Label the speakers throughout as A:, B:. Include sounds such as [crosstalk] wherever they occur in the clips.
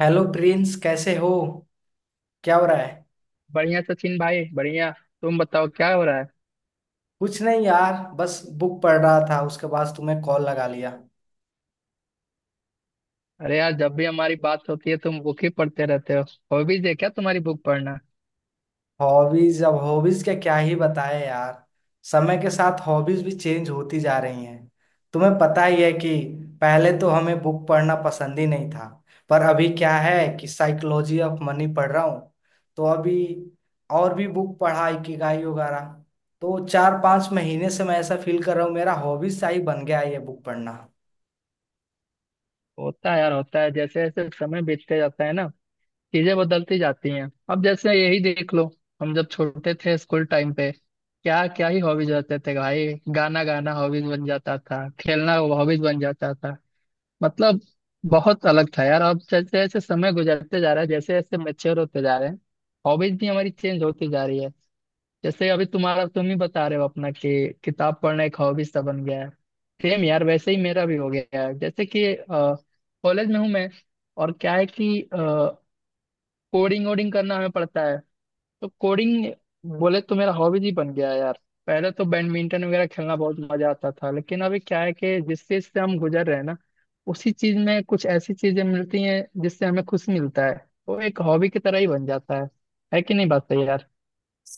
A: Hello Prince, कैसे हो? क्या हो रहा है?
B: बढ़िया सचिन भाई बढ़िया। तुम बताओ क्या हो रहा है?
A: कुछ नहीं यार, बस बुक पढ़ रहा था, उसके बाद तुम्हें कॉल लगा लिया।
B: अरे यार, जब भी हमारी बात होती है तुम बुक ही पढ़ते रहते हो। हॉबीज है क्या तुम्हारी बुक पढ़ना?
A: हॉबीज? अब हॉबीज के क्या ही बताए यार। समय के साथ हॉबीज भी चेंज होती जा रही हैं। तुम्हें पता ही है कि पहले तो हमें बुक पढ़ना पसंद ही नहीं था, पर अभी क्या है कि साइकोलॉजी ऑफ मनी पढ़ रहा हूँ। तो अभी और भी बुक पढ़ा, इकिगाई वगैरह। तो चार पांच महीने से मैं ऐसा फील कर रहा हूँ, मेरा हॉबीज सा ही बन गया है ये बुक पढ़ना।
B: होता है यार होता है, जैसे जैसे समय बीतते जाता है ना चीजें बदलती जाती हैं। अब जैसे यही देख लो, हम जब छोटे थे स्कूल टाइम पे क्या क्या ही हॉबीज रहते थे भाई। गाना गाना हॉबीज बन जाता था, खेलना हॉबीज बन जाता था। मतलब बहुत अलग था यार। अब जैसे जैसे समय गुजरते जा रहा है, जैसे जैसे मेच्योर होते जा रहे हैं हॉबीज भी हमारी चेंज होती जा रही है। जैसे अभी तुम्हारा, तुम ही बता रहे हो अपना कि किताब पढ़ना एक हॉबी सा बन गया है। सेम यार, वैसे ही मेरा भी हो गया है। जैसे कि कॉलेज में हूँ मैं और क्या है कि कोडिंग वोडिंग करना हमें पड़ता है, तो कोडिंग बोले तो मेरा हॉबी ही बन गया है यार। पहले तो बैडमिंटन वगैरह खेलना बहुत मजा आता था, लेकिन अभी क्या है कि जिस चीज से हम गुजर रहे हैं ना, उसी चीज में कुछ ऐसी चीजें मिलती हैं जिससे हमें खुशी मिलता है। वो एक हॉबी की तरह ही बन जाता है। है कि नहीं बात सही यार?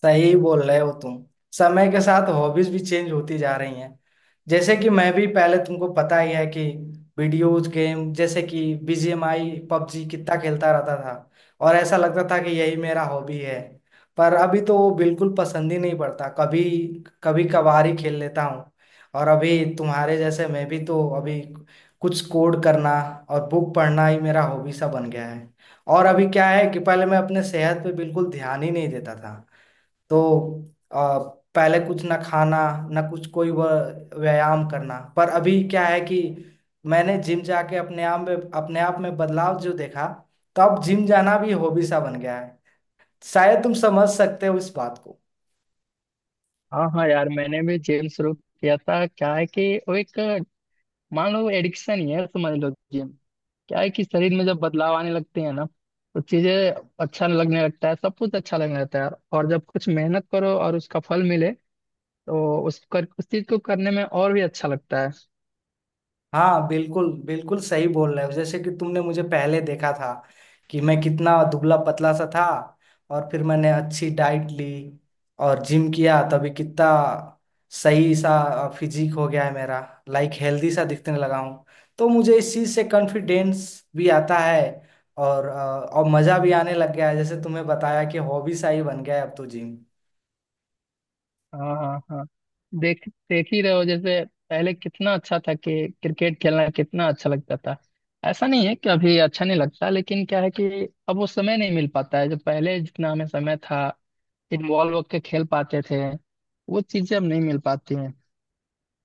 A: सही बोल रहे हो तुम। समय के साथ हॉबीज भी चेंज होती जा रही हैं। जैसे कि मैं भी पहले, तुमको पता ही है कि वीडियोज गेम जैसे कि बीजीएमआई, पबजी कितना खेलता रहता था, और ऐसा लगता था कि यही मेरा हॉबी है। पर अभी तो वो बिल्कुल पसंद ही नहीं पड़ता, कभी कभी कभार ही खेल लेता हूँ। और अभी तुम्हारे जैसे मैं भी तो अभी कुछ कोड करना और बुक पढ़ना ही मेरा हॉबी सा बन गया है। और अभी क्या है कि पहले मैं अपने सेहत पे बिल्कुल ध्यान ही नहीं देता था। तो आ, पहले कुछ ना खाना, ना कुछ कोई व्यायाम करना। पर अभी क्या है कि मैंने जिम जाके अपने आप में बदलाव जो देखा, तो अब जिम जाना भी हॉबी सा बन गया है। शायद तुम समझ सकते हो इस बात को।
B: हाँ हाँ यार, मैंने भी जिम शुरू किया था। क्या है कि वो एक, मान लो एडिक्शन ही है, समझ लो जिम। क्या है कि शरीर में जब बदलाव आने लगते हैं ना, तो चीजें अच्छा लगने लगता है, सब कुछ अच्छा लगने लगता है यार। और जब कुछ मेहनत करो और उसका फल मिले, तो उस चीज को करने में और भी अच्छा लगता है।
A: हाँ, बिल्कुल बिल्कुल सही बोल रहे हो। जैसे कि तुमने मुझे पहले देखा था कि मैं कितना दुबला पतला सा था, और फिर मैंने अच्छी डाइट ली और जिम किया, तभी कितना सही सा फिजिक हो गया है मेरा। लाइक हेल्दी सा दिखने लगा हूँ। तो मुझे इस चीज़ से कॉन्फिडेंस भी आता है। और और मज़ा भी आने लग गया है। जैसे तुम्हें बताया कि हॉबी सा ही बन गया है अब तो जिम।
B: हाँ हाँ हाँ, देख देख ही रहे हो जैसे। पहले कितना अच्छा था कि क्रिकेट खेलना कितना अच्छा लगता था। ऐसा नहीं है कि अभी अच्छा नहीं लगता, लेकिन क्या है कि अब वो समय नहीं मिल पाता है जो पहले जितना हमें समय था, इन्वॉल्व होकर खेल पाते थे, वो चीजें अब नहीं मिल पाती हैं।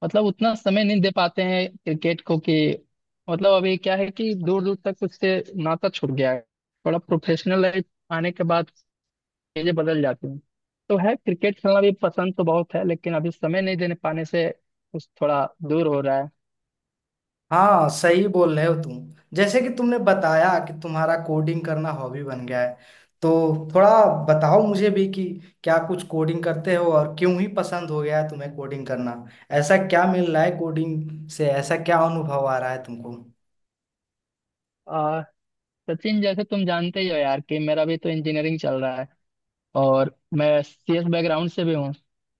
B: मतलब उतना समय नहीं दे पाते हैं क्रिकेट को कि, मतलब अभी क्या है कि दूर दूर तक उससे नाता छूट गया है। थोड़ा प्रोफेशनल लाइफ आने के बाद चीजें बदल जाती हैं। तो है, क्रिकेट खेलना भी पसंद तो बहुत है लेकिन अभी समय नहीं देने पाने से कुछ थोड़ा दूर हो रहा है।
A: हाँ, सही बोल रहे हो तुम। जैसे कि तुमने बताया कि तुम्हारा कोडिंग करना हॉबी बन गया है, तो थोड़ा बताओ मुझे भी कि क्या कुछ कोडिंग करते हो, और क्यों ही पसंद हो गया है तुम्हें कोडिंग करना? ऐसा क्या मिल रहा है कोडिंग से, ऐसा क्या अनुभव आ रहा है तुमको?
B: आ, सचिन जैसे तुम जानते ही हो यार कि मेरा भी तो इंजीनियरिंग चल रहा है और मैं सीएस बैकग्राउंड से भी हूँ।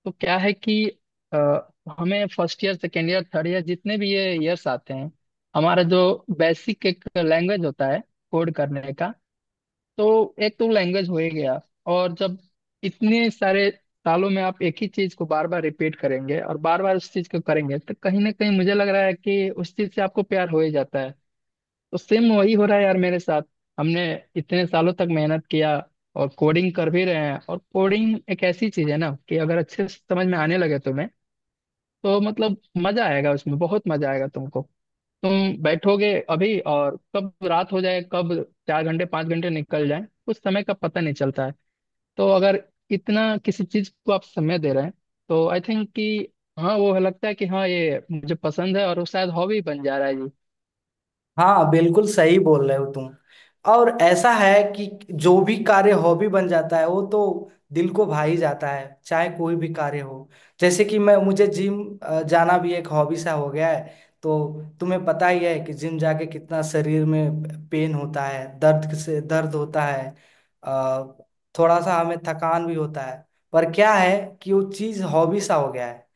B: तो क्या है कि अ, हमें first year second year third year जितने भी ये ईयर्स आते हैं, हमारा जो बेसिक एक लैंग्वेज होता है कोड करने का। तो एक तो लैंग्वेज हो ही गया। और जब इतने सारे सालों में आप एक ही चीज को बार बार रिपीट करेंगे और बार बार उस चीज को करेंगे तो कहीं ना कहीं मुझे लग रहा है कि उस चीज से आपको प्यार हो ही जाता है। तो सेम वही हो रहा है यार मेरे साथ। हमने इतने सालों तक मेहनत किया और कोडिंग कर भी रहे हैं। और कोडिंग एक ऐसी चीज है ना कि अगर अच्छे से समझ में आने लगे तुम्हें तो मतलब मजा आएगा, उसमें बहुत मजा आएगा तुमको। तुम बैठोगे अभी और कब रात हो जाए, कब 4 घंटे 5 घंटे निकल जाए उस समय का पता नहीं चलता है। तो अगर इतना किसी चीज को आप समय दे रहे हैं तो आई थिंक कि हाँ, वो लगता है कि हाँ ये मुझे पसंद है और वो शायद हॉबी बन जा रहा है जी।
A: हाँ, बिल्कुल सही बोल रहे हो तुम। और ऐसा है कि जो भी कार्य हॉबी बन जाता है, वो तो दिल को भा ही जाता है, चाहे कोई भी कार्य हो। जैसे कि मैं, मुझे जिम जाना भी एक हॉबी सा हो गया है। तो तुम्हें पता ही है कि जिम जाके कितना शरीर में पेन होता है, दर्द से दर्द होता है। अ, थोड़ा सा हमें थकान भी होता है। पर क्या है कि वो चीज़ हॉबी सा हो गया है,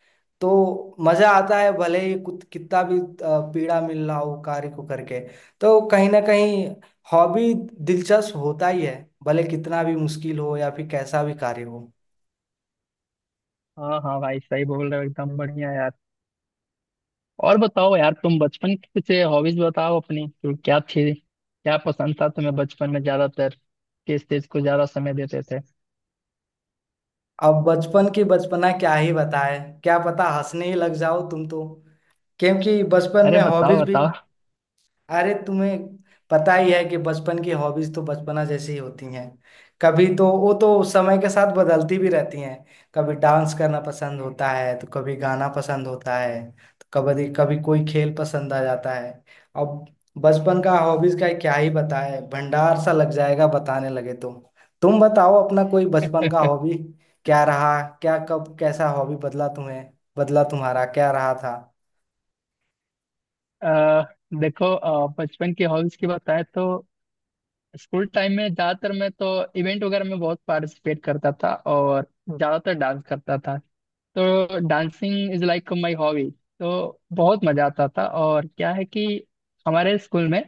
A: तो मजा आता है, भले ही कितना भी पीड़ा मिल रहा हो कार्य को करके। तो कहीं ना कहीं हॉबी दिलचस्प होता ही है, भले कितना भी मुश्किल हो या फिर कैसा भी कार्य हो।
B: हाँ हाँ भाई, सही बोल रहे हो एकदम बढ़िया यार। और बताओ यार, तुम बचपन की कुछ हॉबीज बताओ अपनी, तो क्या थी क्या पसंद था तुम्हें बचपन में? ज्यादातर किस चीज को ज्यादा समय देते थे?
A: अब बचपन की बचपना क्या ही बताए, क्या पता हंसने ही लग जाओ तुम तो। क्योंकि बचपन
B: अरे
A: में
B: बताओ
A: हॉबीज भी,
B: बताओ।
A: अरे तुम्हें पता ही है कि बचपन की हॉबीज तो बचपना जैसी ही होती हैं। कभी तो वो तो समय के साथ बदलती भी रहती हैं। कभी डांस करना पसंद होता है, तो कभी गाना पसंद होता है, तो कभी कभी कोई खेल पसंद आ जाता है। अब बचपन का हॉबीज का क्या ही बताए, भंडार सा लग जाएगा बताने लगे तो। तुम बताओ अपना कोई बचपन का हॉबी क्या रहा, क्या कब कैसा हॉबी बदला तुम्हें, बदला तुम्हारा क्या रहा था?
B: अ, देखो, बचपन की हॉबीज की बताएं तो स्कूल टाइम में ज्यादातर मैं तो इवेंट वगैरह में बहुत पार्टिसिपेट करता था और ज्यादातर डांस करता था। तो dancing is like my hobby, तो बहुत मजा आता था। और क्या है कि हमारे स्कूल में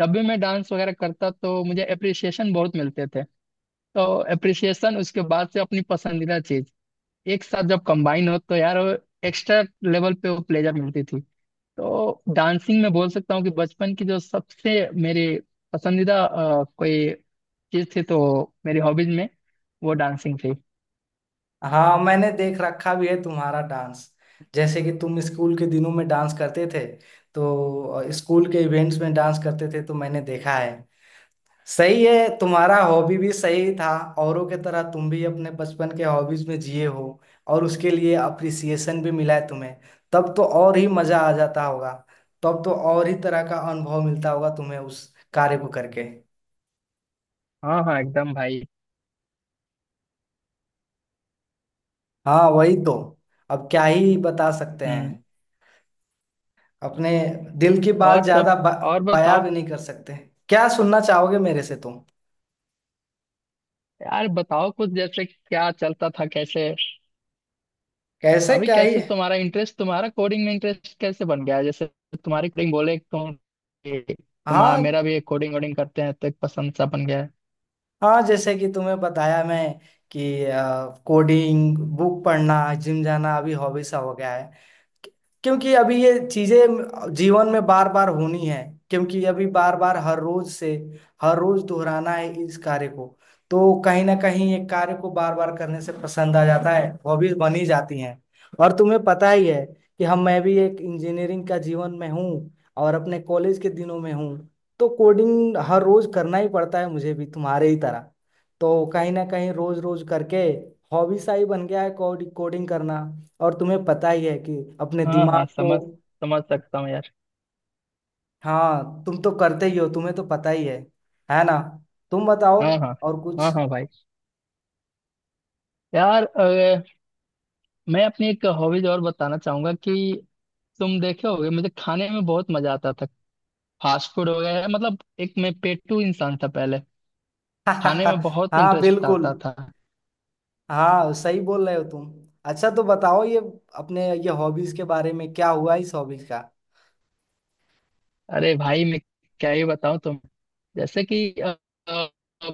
B: जब भी मैं डांस वगैरह करता तो मुझे अप्रिसिएशन बहुत मिलते थे। तो अप्रिसिएशन उसके बाद से अपनी पसंदीदा चीज एक साथ जब कंबाइन हो तो यार एक्स्ट्रा लेवल पे वो प्लेजर मिलती थी। तो डांसिंग में बोल सकता हूँ कि बचपन की जो सबसे मेरी पसंदीदा कोई चीज थी तो मेरी हॉबीज में वो डांसिंग थी।
A: हाँ, मैंने देख रखा भी है तुम्हारा डांस। जैसे कि तुम स्कूल के दिनों में डांस करते थे, तो स्कूल के इवेंट्स में डांस करते थे तो मैंने देखा है। सही है, तुम्हारा हॉबी भी सही था। औरों के तरह तुम भी अपने बचपन के हॉबीज में जिए हो, और उसके लिए अप्रिसिएशन भी मिला है तुम्हें। तब तो और ही मजा आ जाता होगा, तब तो और ही तरह का अनुभव मिलता होगा तुम्हें उस कार्य को करके।
B: हाँ हाँ एकदम भाई।
A: हाँ, वही तो। अब क्या ही बता सकते
B: हम्म।
A: हैं। अपने दिल की
B: और
A: बात
B: सब,
A: ज्यादा
B: और
A: बयां
B: बताओ।
A: भी नहीं कर सकते। क्या सुनना चाहोगे मेरे से तुम?
B: यार बताओ कुछ, जैसे क्या चलता था, कैसे?
A: कैसे
B: अभी
A: क्या ही।
B: कैसे तुम्हारा इंटरेस्ट, तुम्हारा कोडिंग में इंटरेस्ट कैसे बन गया जैसे। तुम्हारी कोडिंग बोले तो तुम्हारा,
A: हाँ,
B: मेरा भी कोडिंग वोडिंग करते हैं तो एक पसंद सा बन गया है।
A: हाँ, जैसे कि तुम्हें बताया मैं कि कोडिंग, बुक पढ़ना, जिम जाना अभी हॉबी सा हो गया है। क्योंकि अभी ये चीजें जीवन में बार बार होनी है, क्योंकि अभी बार बार हर रोज से हर रोज दोहराना है इस कार्य को। तो कहीं ना कहीं ये कार्य को बार बार करने से पसंद आ जाता है, हॉबीज बनी जाती हैं। और तुम्हें पता ही है कि हम मैं भी एक इंजीनियरिंग का जीवन में हूँ, और अपने कॉलेज के दिनों में हूँ। तो कोडिंग हर रोज करना ही पड़ता है मुझे भी तुम्हारे ही तरह। तो कहीं ना कहीं रोज रोज करके हॉबी सा ही बन गया है कोडिंग कोडिंग करना। और तुम्हें पता ही है कि अपने
B: हाँ हाँ,
A: दिमाग को।
B: समझ समझ सकता हूँ यार।
A: हाँ, तुम तो करते ही हो, तुम्हें तो पता ही है ना? तुम बताओ
B: हाँ हाँ
A: और
B: हाँ
A: कुछ।
B: हाँ भाई यार, मैं अपनी एक हॉबीज और बताना चाहूंगा कि तुम देखे होगे मुझे खाने में बहुत मजा आता था। फास्ट फूड वगैरह मतलब, एक मैं पेटू इंसान था पहले, खाने में
A: [laughs]
B: बहुत
A: हाँ,
B: इंटरेस्ट
A: बिल्कुल।
B: आता था।
A: हाँ, सही बोल रहे हो तुम। अच्छा, तो बताओ ये, अपने ये हॉबीज के बारे में क्या हुआ इस हॉबीज का?
B: अरे भाई, मैं क्या ही बताऊं तुम। जैसे कि अ,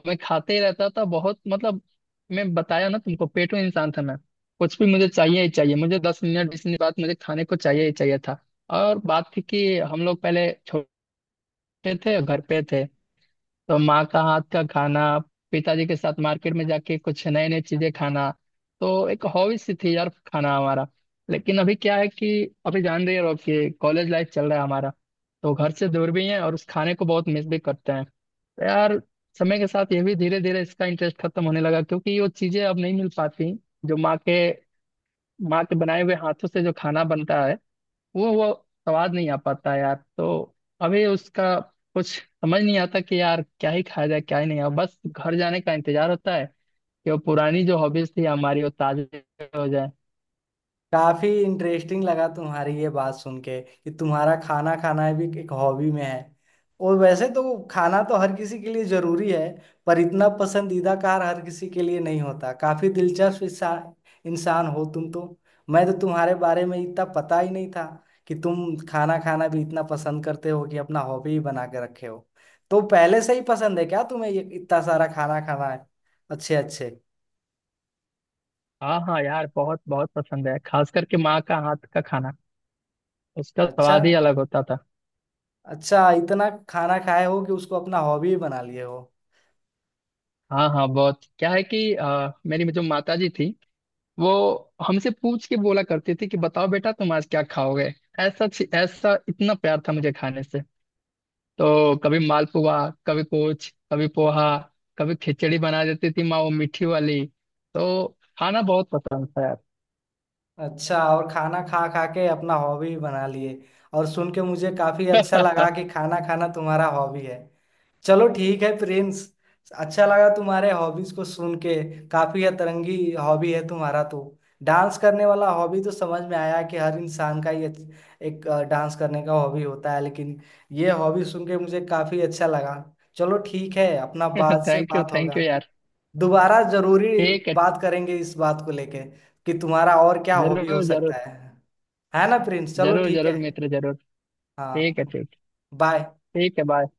B: मैं खाते ही रहता था बहुत। मतलब मैं बताया ना तुमको पेटू इंसान था मैं। कुछ भी मुझे चाहिए ही चाहिए, मुझे 10 मिनट 20 मिनट बाद मुझे खाने को चाहिए ही चाहिए था। और बात थी कि हम लोग पहले छोटे थे, घर पे थे। तो माँ का हाथ का खाना, पिताजी के साथ मार्केट में जाके कुछ नए नए चीजें खाना, तो एक हॉबी सी थी यार खाना हमारा। लेकिन अभी क्या है कि अभी जान रही हो कि कॉलेज लाइफ चल रहा है हमारा, तो घर से दूर भी हैं और उस खाने को बहुत मिस भी करते हैं तो यार। समय के साथ ये भी धीरे धीरे इसका इंटरेस्ट खत्म होने लगा, क्योंकि वो चीजें अब नहीं मिल पाती जो माँ के बनाए हुए हाथों से जो खाना बनता है वो स्वाद नहीं आ पाता यार। तो अभी उसका कुछ समझ नहीं आता कि यार क्या ही खाया जाए क्या ही नहीं, और बस घर जाने का इंतजार होता है कि वो पुरानी जो हॉबीज थी हमारी वो ताजे हो जाए।
A: काफी इंटरेस्टिंग लगा तुम्हारी ये बात सुन के कि तुम्हारा खाना खाना भी एक हॉबी में है। और वैसे तो खाना तो हर किसी के लिए जरूरी है, पर इतना पसंदीदा कार हर किसी के लिए नहीं होता। काफी दिलचस्प इंसान इंसान हो तुम तो। मैं तो तुम्हारे बारे में इतना पता ही नहीं था कि तुम खाना खाना भी इतना पसंद करते हो कि अपना हॉबी ही बना के रखे हो। तो पहले से ही पसंद है क्या तुम्हें ये इतना सारा खाना खाना है? अच्छे अच्छे।
B: हाँ हाँ यार, बहुत बहुत पसंद है, खास करके माँ का हाथ का खाना। उसका
A: अच्छा,
B: स्वाद ही अलग होता था।
A: अच्छा इतना खाना खाए हो कि उसको अपना हॉबी ही बना लिए हो।
B: हाँ हाँ बहुत, क्या है कि मेरी जो माता जी थी वो हमसे पूछ के बोला करती थी कि बताओ बेटा तुम आज क्या खाओगे। ऐसा ऐसा इतना प्यार था मुझे खाने से। तो कभी मालपुआ, कभी कुछ, कभी पोहा, कभी खिचड़ी बना देती थी माँ वो मीठी वाली। तो खाना बहुत पसंद था यार।
A: अच्छा, और खाना खा खा के अपना हॉबी बना लिए। और सुन के मुझे काफी अच्छा लगा कि
B: [laughs]
A: खाना खाना तुम्हारा हॉबी है। चलो ठीक है प्रिंस, अच्छा लगा तुम्हारे हॉबीज को सुन के। काफी अतरंगी हॉबी है तुम्हारा तो। डांस करने वाला हॉबी तो समझ में आया कि हर इंसान का ये एक डांस करने का हॉबी होता है, लेकिन ये हॉबी सुन के मुझे काफी अच्छा लगा। चलो ठीक है, अपना बाद से बात
B: थैंक
A: होगा,
B: यू यार।
A: दोबारा जरूरी
B: ठीक है।
A: बात करेंगे इस बात को लेके कि तुम्हारा और क्या हॉबी हो
B: जरूर जरूर।
A: सकता है। है ना प्रिंस? चलो
B: जरूर
A: ठीक है।
B: जरूर मित्र जरूर।
A: हाँ,
B: ठीक है ठीक।
A: बाय।
B: ठीक है बाय।